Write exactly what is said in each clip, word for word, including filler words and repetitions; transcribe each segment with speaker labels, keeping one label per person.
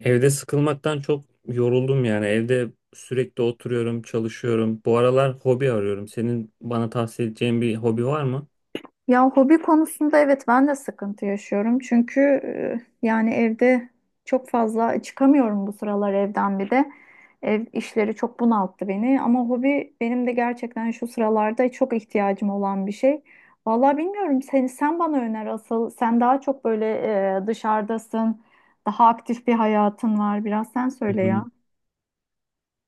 Speaker 1: Evde sıkılmaktan çok yoruldum yani. Evde sürekli oturuyorum, çalışıyorum. Bu aralar hobi arıyorum. Senin bana tavsiye edeceğin bir hobi var mı?
Speaker 2: Ya hobi konusunda evet ben de sıkıntı yaşıyorum. Çünkü e, yani evde çok fazla çıkamıyorum bu sıralar evden bir de. Ev işleri çok bunalttı beni ama hobi benim de gerçekten şu sıralarda çok ihtiyacım olan bir şey. Vallahi bilmiyorum seni sen bana öner asıl. Sen daha çok böyle e, dışarıdasın. Daha aktif bir hayatın var. Biraz sen
Speaker 1: Hı
Speaker 2: söyle ya.
Speaker 1: hı.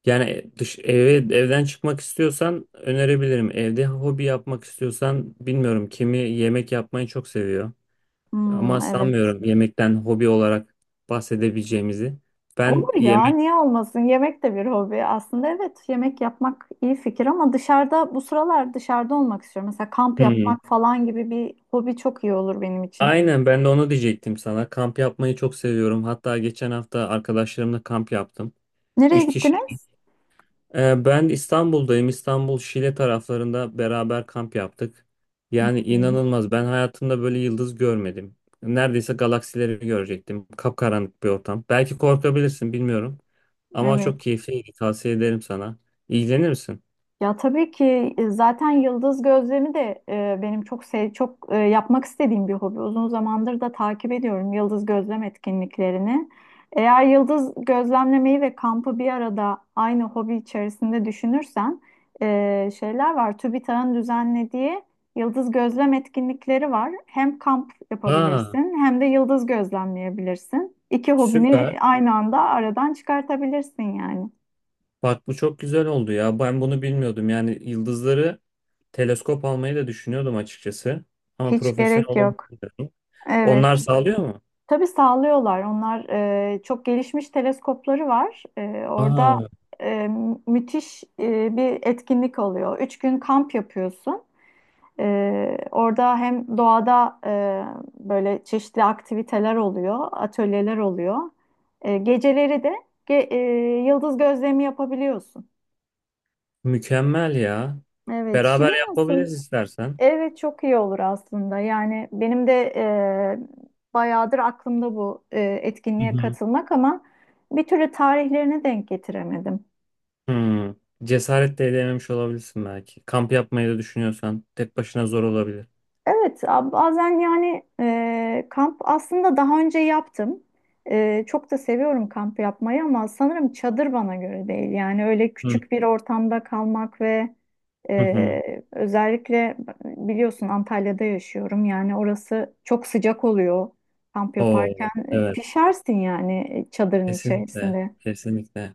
Speaker 1: Yani e, dış eve evden çıkmak istiyorsan önerebilirim. Evde hobi yapmak istiyorsan bilmiyorum. Kimi yemek yapmayı çok seviyor. Ama
Speaker 2: Hmm, evet.
Speaker 1: sanmıyorum yemekten hobi olarak bahsedebileceğimizi. Ben
Speaker 2: Olur ya,
Speaker 1: yemek
Speaker 2: niye olmasın? Yemek de bir hobi. Aslında evet, yemek yapmak iyi fikir ama dışarıda bu sıralar dışarıda olmak istiyorum. Mesela kamp
Speaker 1: Hmm.
Speaker 2: yapmak falan gibi bir hobi çok iyi olur benim için.
Speaker 1: Aynen ben de onu diyecektim sana. Kamp yapmayı çok seviyorum. Hatta geçen hafta arkadaşlarımla kamp yaptım.
Speaker 2: Nereye
Speaker 1: Üç kişi.
Speaker 2: gittiniz?
Speaker 1: Ee, Ben İstanbul'dayım. İstanbul Şile taraflarında beraber kamp yaptık. Yani
Speaker 2: Hmm,
Speaker 1: inanılmaz. Ben hayatımda böyle yıldız görmedim. Neredeyse galaksileri görecektim. Kapkaranlık bir ortam. Belki korkabilirsin, bilmiyorum. Ama
Speaker 2: evet.
Speaker 1: çok keyifliydi. Tavsiye ederim sana. İlgilenir misin?
Speaker 2: Ya tabii ki e, zaten yıldız gözlemi de e, benim çok sev çok e, yapmak istediğim bir hobi. Uzun zamandır da takip ediyorum yıldız gözlem etkinliklerini. Eğer yıldız gözlemlemeyi ve kampı bir arada aynı hobi içerisinde düşünürsen e, şeyler var. TÜBİTAK'ın düzenlediği yıldız gözlem etkinlikleri var. Hem kamp
Speaker 1: Aa,
Speaker 2: yapabilirsin hem de yıldız gözlemleyebilirsin. İki hobini
Speaker 1: süper.
Speaker 2: aynı anda aradan çıkartabilirsin yani.
Speaker 1: Bak bu çok güzel oldu ya. Ben bunu bilmiyordum. Yani yıldızları teleskop almayı da düşünüyordum açıkçası. Ama
Speaker 2: Hiç
Speaker 1: profesyonel
Speaker 2: gerek yok.
Speaker 1: olamıyorum.
Speaker 2: Evet.
Speaker 1: Onlar sağlıyor mu?
Speaker 2: Tabii sağlıyorlar. Onlar e, çok gelişmiş teleskopları var. E, orada
Speaker 1: Aa,
Speaker 2: e, müthiş e, bir etkinlik oluyor. Üç gün kamp yapıyorsun. E, orada hem doğada e, böyle çeşitli aktiviteler oluyor, atölyeler oluyor. E, geceleri de ge- e, yıldız gözlemi yapabiliyorsun.
Speaker 1: mükemmel ya.
Speaker 2: Evet, Şile
Speaker 1: Beraber yapabiliriz
Speaker 2: nasıl?
Speaker 1: istersen.
Speaker 2: Evet çok iyi olur aslında. Yani benim de e, bayağıdır aklımda bu e,
Speaker 1: Hı
Speaker 2: etkinliğe
Speaker 1: hı.
Speaker 2: katılmak ama bir türlü tarihlerine denk getiremedim.
Speaker 1: Hmm. Cesaret de edememiş olabilirsin belki. Kamp yapmayı da düşünüyorsan tek başına zor olabilir.
Speaker 2: Evet, a- bazen yani e, kamp aslında daha önce yaptım. E, çok da seviyorum kamp yapmayı ama sanırım çadır bana göre değil. Yani öyle
Speaker 1: Hı.
Speaker 2: küçük bir ortamda kalmak ve
Speaker 1: Hı hı.
Speaker 2: e, özellikle biliyorsun Antalya'da yaşıyorum. Yani orası çok sıcak oluyor kamp yaparken.
Speaker 1: Oo,
Speaker 2: e,
Speaker 1: evet.
Speaker 2: Pişersin yani çadırın
Speaker 1: Kesinlikle.
Speaker 2: içerisinde.
Speaker 1: Kesinlikle.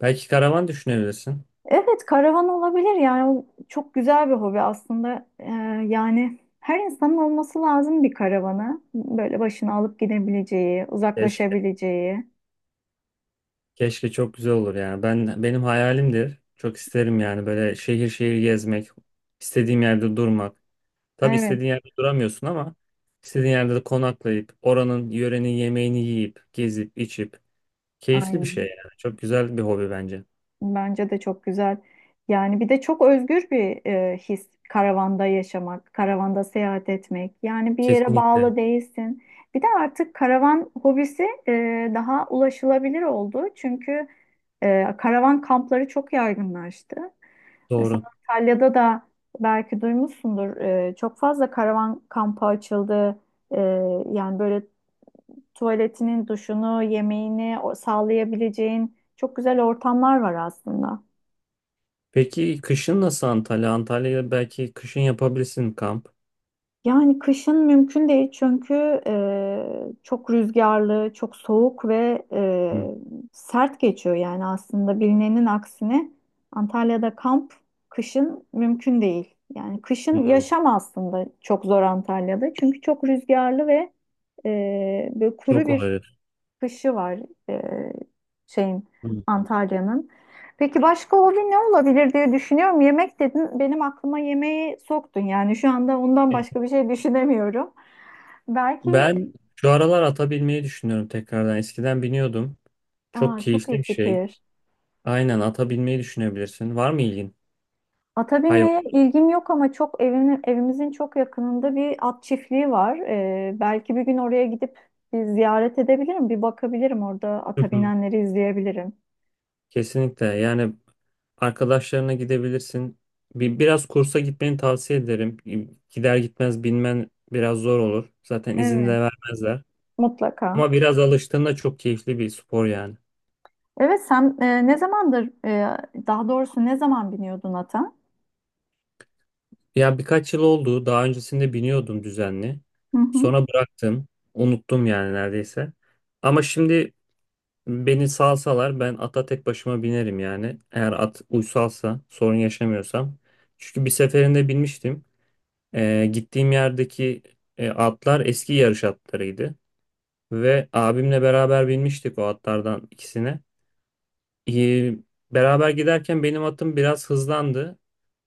Speaker 1: Belki karavan düşünebilirsin.
Speaker 2: Evet, karavan olabilir yani o çok güzel bir hobi aslında. Ee, yani her insanın olması lazım bir karavanı. Böyle başına alıp gidebileceği,
Speaker 1: Keşke,
Speaker 2: uzaklaşabileceği.
Speaker 1: keşke çok güzel olur yani. Ben benim hayalimdir. Çok isterim yani böyle şehir şehir gezmek, istediğim yerde durmak. Tabii
Speaker 2: Evet,
Speaker 1: istediğin yerde duramıyorsun ama istediğin yerde de konaklayıp oranın yörenin yemeğini yiyip, gezip, içip keyifli bir şey
Speaker 2: aynen.
Speaker 1: yani. Çok güzel bir hobi bence.
Speaker 2: Bence de çok güzel. Yani bir de çok özgür bir e, his karavanda yaşamak, karavanda seyahat etmek. Yani bir yere
Speaker 1: Kesinlikle.
Speaker 2: bağlı değilsin. Bir de artık karavan hobisi e, daha ulaşılabilir oldu. Çünkü e, karavan kampları çok yaygınlaştı. Mesela
Speaker 1: Doğru.
Speaker 2: Antalya'da da belki duymuşsundur. E, çok fazla karavan kampı açıldı. E, Yani böyle tuvaletinin, duşunu, yemeğini o- sağlayabileceğin çok güzel ortamlar var aslında.
Speaker 1: Peki kışın nasıl Antalya? Antalya'da belki kışın yapabilirsin kamp.
Speaker 2: Yani kışın mümkün değil çünkü e, çok rüzgarlı, çok soğuk ve e,
Speaker 1: Hı.
Speaker 2: sert geçiyor yani aslında bilinenin aksine Antalya'da kamp kışın mümkün değil. Yani kışın
Speaker 1: Hı.
Speaker 2: yaşam aslında çok zor Antalya'da çünkü çok rüzgarlı ve e, böyle kuru
Speaker 1: Çok
Speaker 2: bir
Speaker 1: olabilir.
Speaker 2: kışı var e, şeyin
Speaker 1: Hı.
Speaker 2: Antalya'nın. Peki başka hobi ne olabilir diye düşünüyorum. Yemek dedin, benim aklıma yemeği soktun. Yani şu anda ondan
Speaker 1: E,
Speaker 2: başka bir şey düşünemiyorum. Belki
Speaker 1: Ben şu aralar ata binmeyi düşünüyorum tekrardan. Eskiden biniyordum. Çok
Speaker 2: aa, çok
Speaker 1: keyifli bir
Speaker 2: iyi
Speaker 1: şey.
Speaker 2: fikir.
Speaker 1: Aynen ata binmeyi düşünebilirsin. Var mı ilgin?
Speaker 2: Ata
Speaker 1: Hayvan.
Speaker 2: binmeye ilgim yok ama çok evimin, evimizin çok yakınında bir at çiftliği var. Ee, belki bir gün oraya gidip bir ziyaret edebilirim, bir bakabilirim orada
Speaker 1: Hı
Speaker 2: ata
Speaker 1: hı.
Speaker 2: binenleri izleyebilirim.
Speaker 1: Kesinlikle. Yani arkadaşlarına gidebilirsin. Bir, biraz kursa gitmeni tavsiye ederim. Gider gitmez binmen biraz zor olur. Zaten izin de
Speaker 2: Evet.
Speaker 1: vermezler.
Speaker 2: Mutlaka.
Speaker 1: Ama biraz alıştığında çok keyifli bir spor yani.
Speaker 2: Evet sen e, ne zamandır e, daha doğrusu ne zaman biniyordun ata?
Speaker 1: Ya birkaç yıl oldu. Daha öncesinde biniyordum düzenli.
Speaker 2: Hı hı.
Speaker 1: Sonra bıraktım. Unuttum yani neredeyse. Ama şimdi beni salsalar ben ata tek başıma binerim yani. Eğer at uysalsa sorun yaşamıyorsam. Çünkü bir seferinde binmiştim. Ee, gittiğim yerdeki e, atlar eski yarış atlarıydı. Ve abimle beraber binmiştik o atlardan ikisine. Ee, beraber giderken benim atım biraz hızlandı.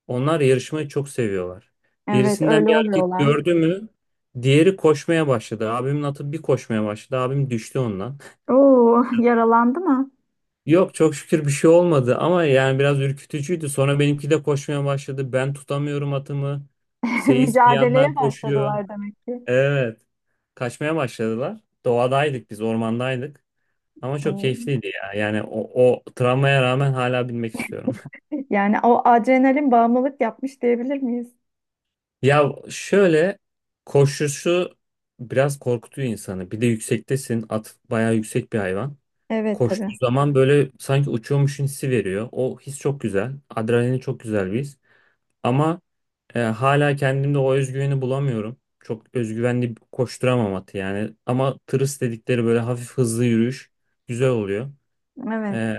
Speaker 1: Onlar yarışmayı çok seviyorlar.
Speaker 2: Evet
Speaker 1: Birisinden
Speaker 2: öyle
Speaker 1: bir hareket
Speaker 2: oluyorlar.
Speaker 1: gördü mü diğeri koşmaya başladı. Abimin atı bir koşmaya başladı. Abim düştü ondan.
Speaker 2: Oo yaralandı mı?
Speaker 1: Yok, çok şükür bir şey olmadı ama yani biraz ürkütücüydü. Sonra benimki de koşmaya başladı. Ben tutamıyorum atımı. Seyis bir
Speaker 2: Mücadeleye
Speaker 1: yandan koşuyor.
Speaker 2: başladılar demek ki.
Speaker 1: Evet. Kaçmaya başladılar. Doğadaydık, biz ormandaydık. Ama çok
Speaker 2: Oo.
Speaker 1: keyifliydi ya. Yani o, o travmaya rağmen hala binmek istiyorum.
Speaker 2: Yani o adrenalin bağımlılık yapmış diyebilir miyiz?
Speaker 1: Ya şöyle, koşuşu biraz korkutuyor insanı. Bir de yüksektesin. At bayağı yüksek bir hayvan.
Speaker 2: Evet
Speaker 1: Koştuğu
Speaker 2: tabii.
Speaker 1: zaman böyle sanki uçuyormuşsun hissi veriyor. O his çok güzel. Adrenalin çok güzel bir his. Ama e, hala kendimde o özgüveni bulamıyorum. Çok özgüvenli koşturamam atı yani. Ama tırıs dedikleri böyle hafif hızlı yürüyüş güzel oluyor.
Speaker 2: Evet
Speaker 1: E,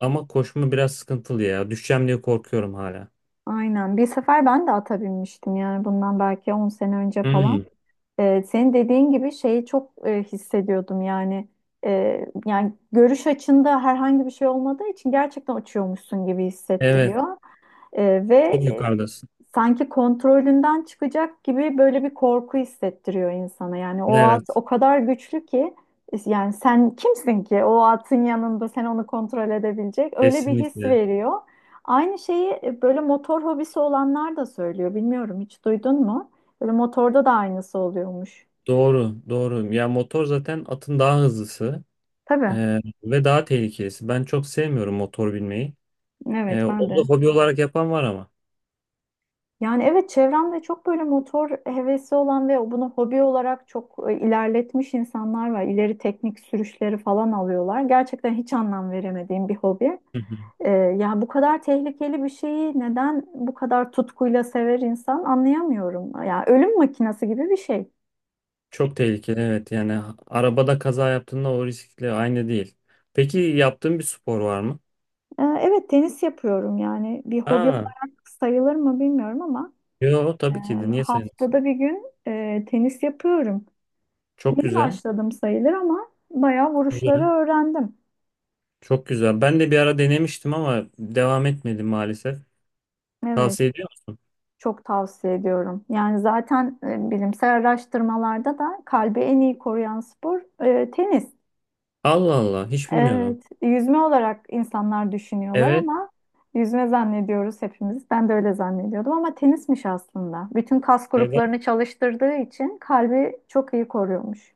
Speaker 1: ama koşma biraz sıkıntılı ya. Düşeceğim diye korkuyorum hala.
Speaker 2: aynen. Bir sefer ben de ata binmiştim yani bundan belki on sene önce
Speaker 1: Hmm,
Speaker 2: falan. Ee, senin dediğin gibi şeyi çok e, hissediyordum yani. Ee, yani görüş açında herhangi bir şey olmadığı için gerçekten uçuyormuşsun gibi
Speaker 1: evet.
Speaker 2: hissettiriyor. Ee, ve
Speaker 1: Çok
Speaker 2: e,
Speaker 1: yukarıdasın.
Speaker 2: Sanki kontrolünden çıkacak gibi böyle bir korku hissettiriyor insana yani o at
Speaker 1: Evet.
Speaker 2: o kadar güçlü ki yani sen kimsin ki o atın yanında sen onu kontrol edebilecek öyle bir his
Speaker 1: Kesinlikle.
Speaker 2: veriyor. Aynı şeyi e, böyle motor hobisi olanlar da söylüyor, bilmiyorum hiç duydun mu? Böyle motorda da aynısı oluyormuş.
Speaker 1: Doğru, doğru. Ya motor zaten atın daha hızlısı
Speaker 2: Tabii.
Speaker 1: e, ve daha tehlikelisi. Ben çok sevmiyorum motor binmeyi. E,
Speaker 2: Evet ben
Speaker 1: onu
Speaker 2: de.
Speaker 1: da hobi olarak yapan var ama.
Speaker 2: Yani evet çevremde çok böyle motor hevesi olan ve bunu hobi olarak çok e, ilerletmiş insanlar var. İleri teknik sürüşleri falan alıyorlar. Gerçekten hiç anlam veremediğim bir hobi.
Speaker 1: Hı hı.
Speaker 2: Ee, ya bu kadar tehlikeli bir şeyi neden bu kadar tutkuyla sever insan anlayamıyorum. Ya ölüm makinesi gibi bir şey.
Speaker 1: Çok tehlikeli, evet. Yani ha- arabada kaza yaptığında o riskle aynı değil. Peki yaptığın bir spor var mı?
Speaker 2: Ee, evet tenis yapıyorum, yani bir hobi
Speaker 1: Aa,
Speaker 2: olarak sayılır mı bilmiyorum ama
Speaker 1: yo
Speaker 2: e,
Speaker 1: tabii ki de niye sayılmasın?
Speaker 2: haftada bir gün e, tenis yapıyorum.
Speaker 1: Çok
Speaker 2: Yeni
Speaker 1: güzel.
Speaker 2: başladım sayılır ama bayağı vuruşları
Speaker 1: Güzel.
Speaker 2: öğrendim.
Speaker 1: Çok güzel. Ben de bir ara denemiştim ama devam etmedim maalesef.
Speaker 2: Evet,
Speaker 1: Tavsiye ediyor musun?
Speaker 2: çok tavsiye ediyorum. Yani zaten e, bilimsel araştırmalarda da kalbi en iyi koruyan spor e, tenis.
Speaker 1: Allah Allah, hiç bilmiyordum.
Speaker 2: Evet, yüzme olarak insanlar düşünüyorlar
Speaker 1: Evet.
Speaker 2: ama yüzme zannediyoruz hepimiz. Ben de öyle zannediyordum ama tenismiş aslında. Bütün kas gruplarını çalıştırdığı için kalbi çok iyi koruyormuş.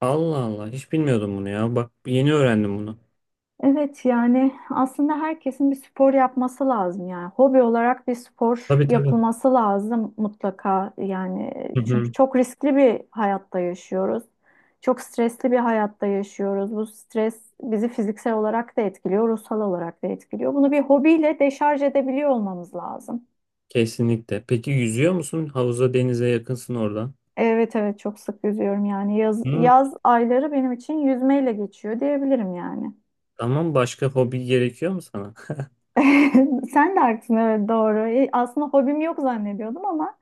Speaker 1: Allah Allah, hiç bilmiyordum bunu ya. Bak yeni öğrendim bunu.
Speaker 2: Evet yani aslında herkesin bir spor yapması lazım, yani hobi olarak bir spor
Speaker 1: Tabii tabii.
Speaker 2: yapılması lazım mutlaka yani
Speaker 1: Hı
Speaker 2: çünkü
Speaker 1: hı.
Speaker 2: çok riskli bir hayatta yaşıyoruz. Çok stresli bir hayatta yaşıyoruz. Bu stres bizi fiziksel olarak da etkiliyor, ruhsal olarak da etkiliyor. Bunu bir hobiyle deşarj edebiliyor olmamız lazım.
Speaker 1: Kesinlikle. Peki yüzüyor musun? Havuza, denize yakınsın oradan.
Speaker 2: Evet evet çok sık yüzüyorum yani yaz,
Speaker 1: Hı.
Speaker 2: yaz ayları benim için yüzmeyle geçiyor diyebilirim yani.
Speaker 1: Tamam, başka hobi gerekiyor mu sana?
Speaker 2: Sen de haklısın, evet doğru. E, Aslında hobim yok zannediyordum ama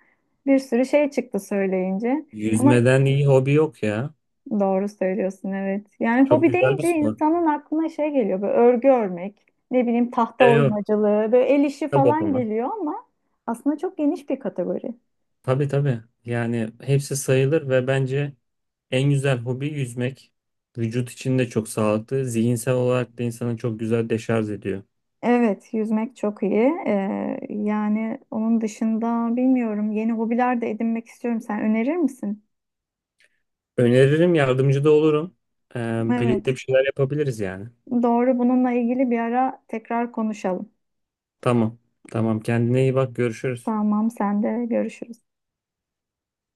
Speaker 2: bir sürü şey çıktı söyleyince. Ama
Speaker 1: Yüzmeden iyi hobi yok ya.
Speaker 2: doğru söylüyorsun evet. Yani
Speaker 1: Çok
Speaker 2: hobi
Speaker 1: güzel bir
Speaker 2: deyince
Speaker 1: spor.
Speaker 2: insanın aklına şey geliyor, böyle örgü örmek, ne bileyim tahta
Speaker 1: Evet.
Speaker 2: oymacılığı, böyle el işi
Speaker 1: Kitap
Speaker 2: falan
Speaker 1: okumak.
Speaker 2: geliyor ama aslında çok geniş bir kategori.
Speaker 1: Tabii tabii. Yani hepsi sayılır ve bence en güzel hobi yüzmek. Vücut için de çok sağlıklı. Zihinsel olarak da insanı çok güzel deşarj ediyor.
Speaker 2: Evet, yüzmek çok iyi. Ee, yani onun dışında bilmiyorum, yeni hobiler de edinmek istiyorum. Sen önerir misin?
Speaker 1: Öneririm, yardımcı da olurum. Ee, birlikte
Speaker 2: Evet,
Speaker 1: bir şeyler yapabiliriz yani.
Speaker 2: doğru, bununla ilgili bir ara tekrar konuşalım.
Speaker 1: Tamam. Tamam. Kendine iyi bak. Görüşürüz.
Speaker 2: Tamam, sen de görüşürüz.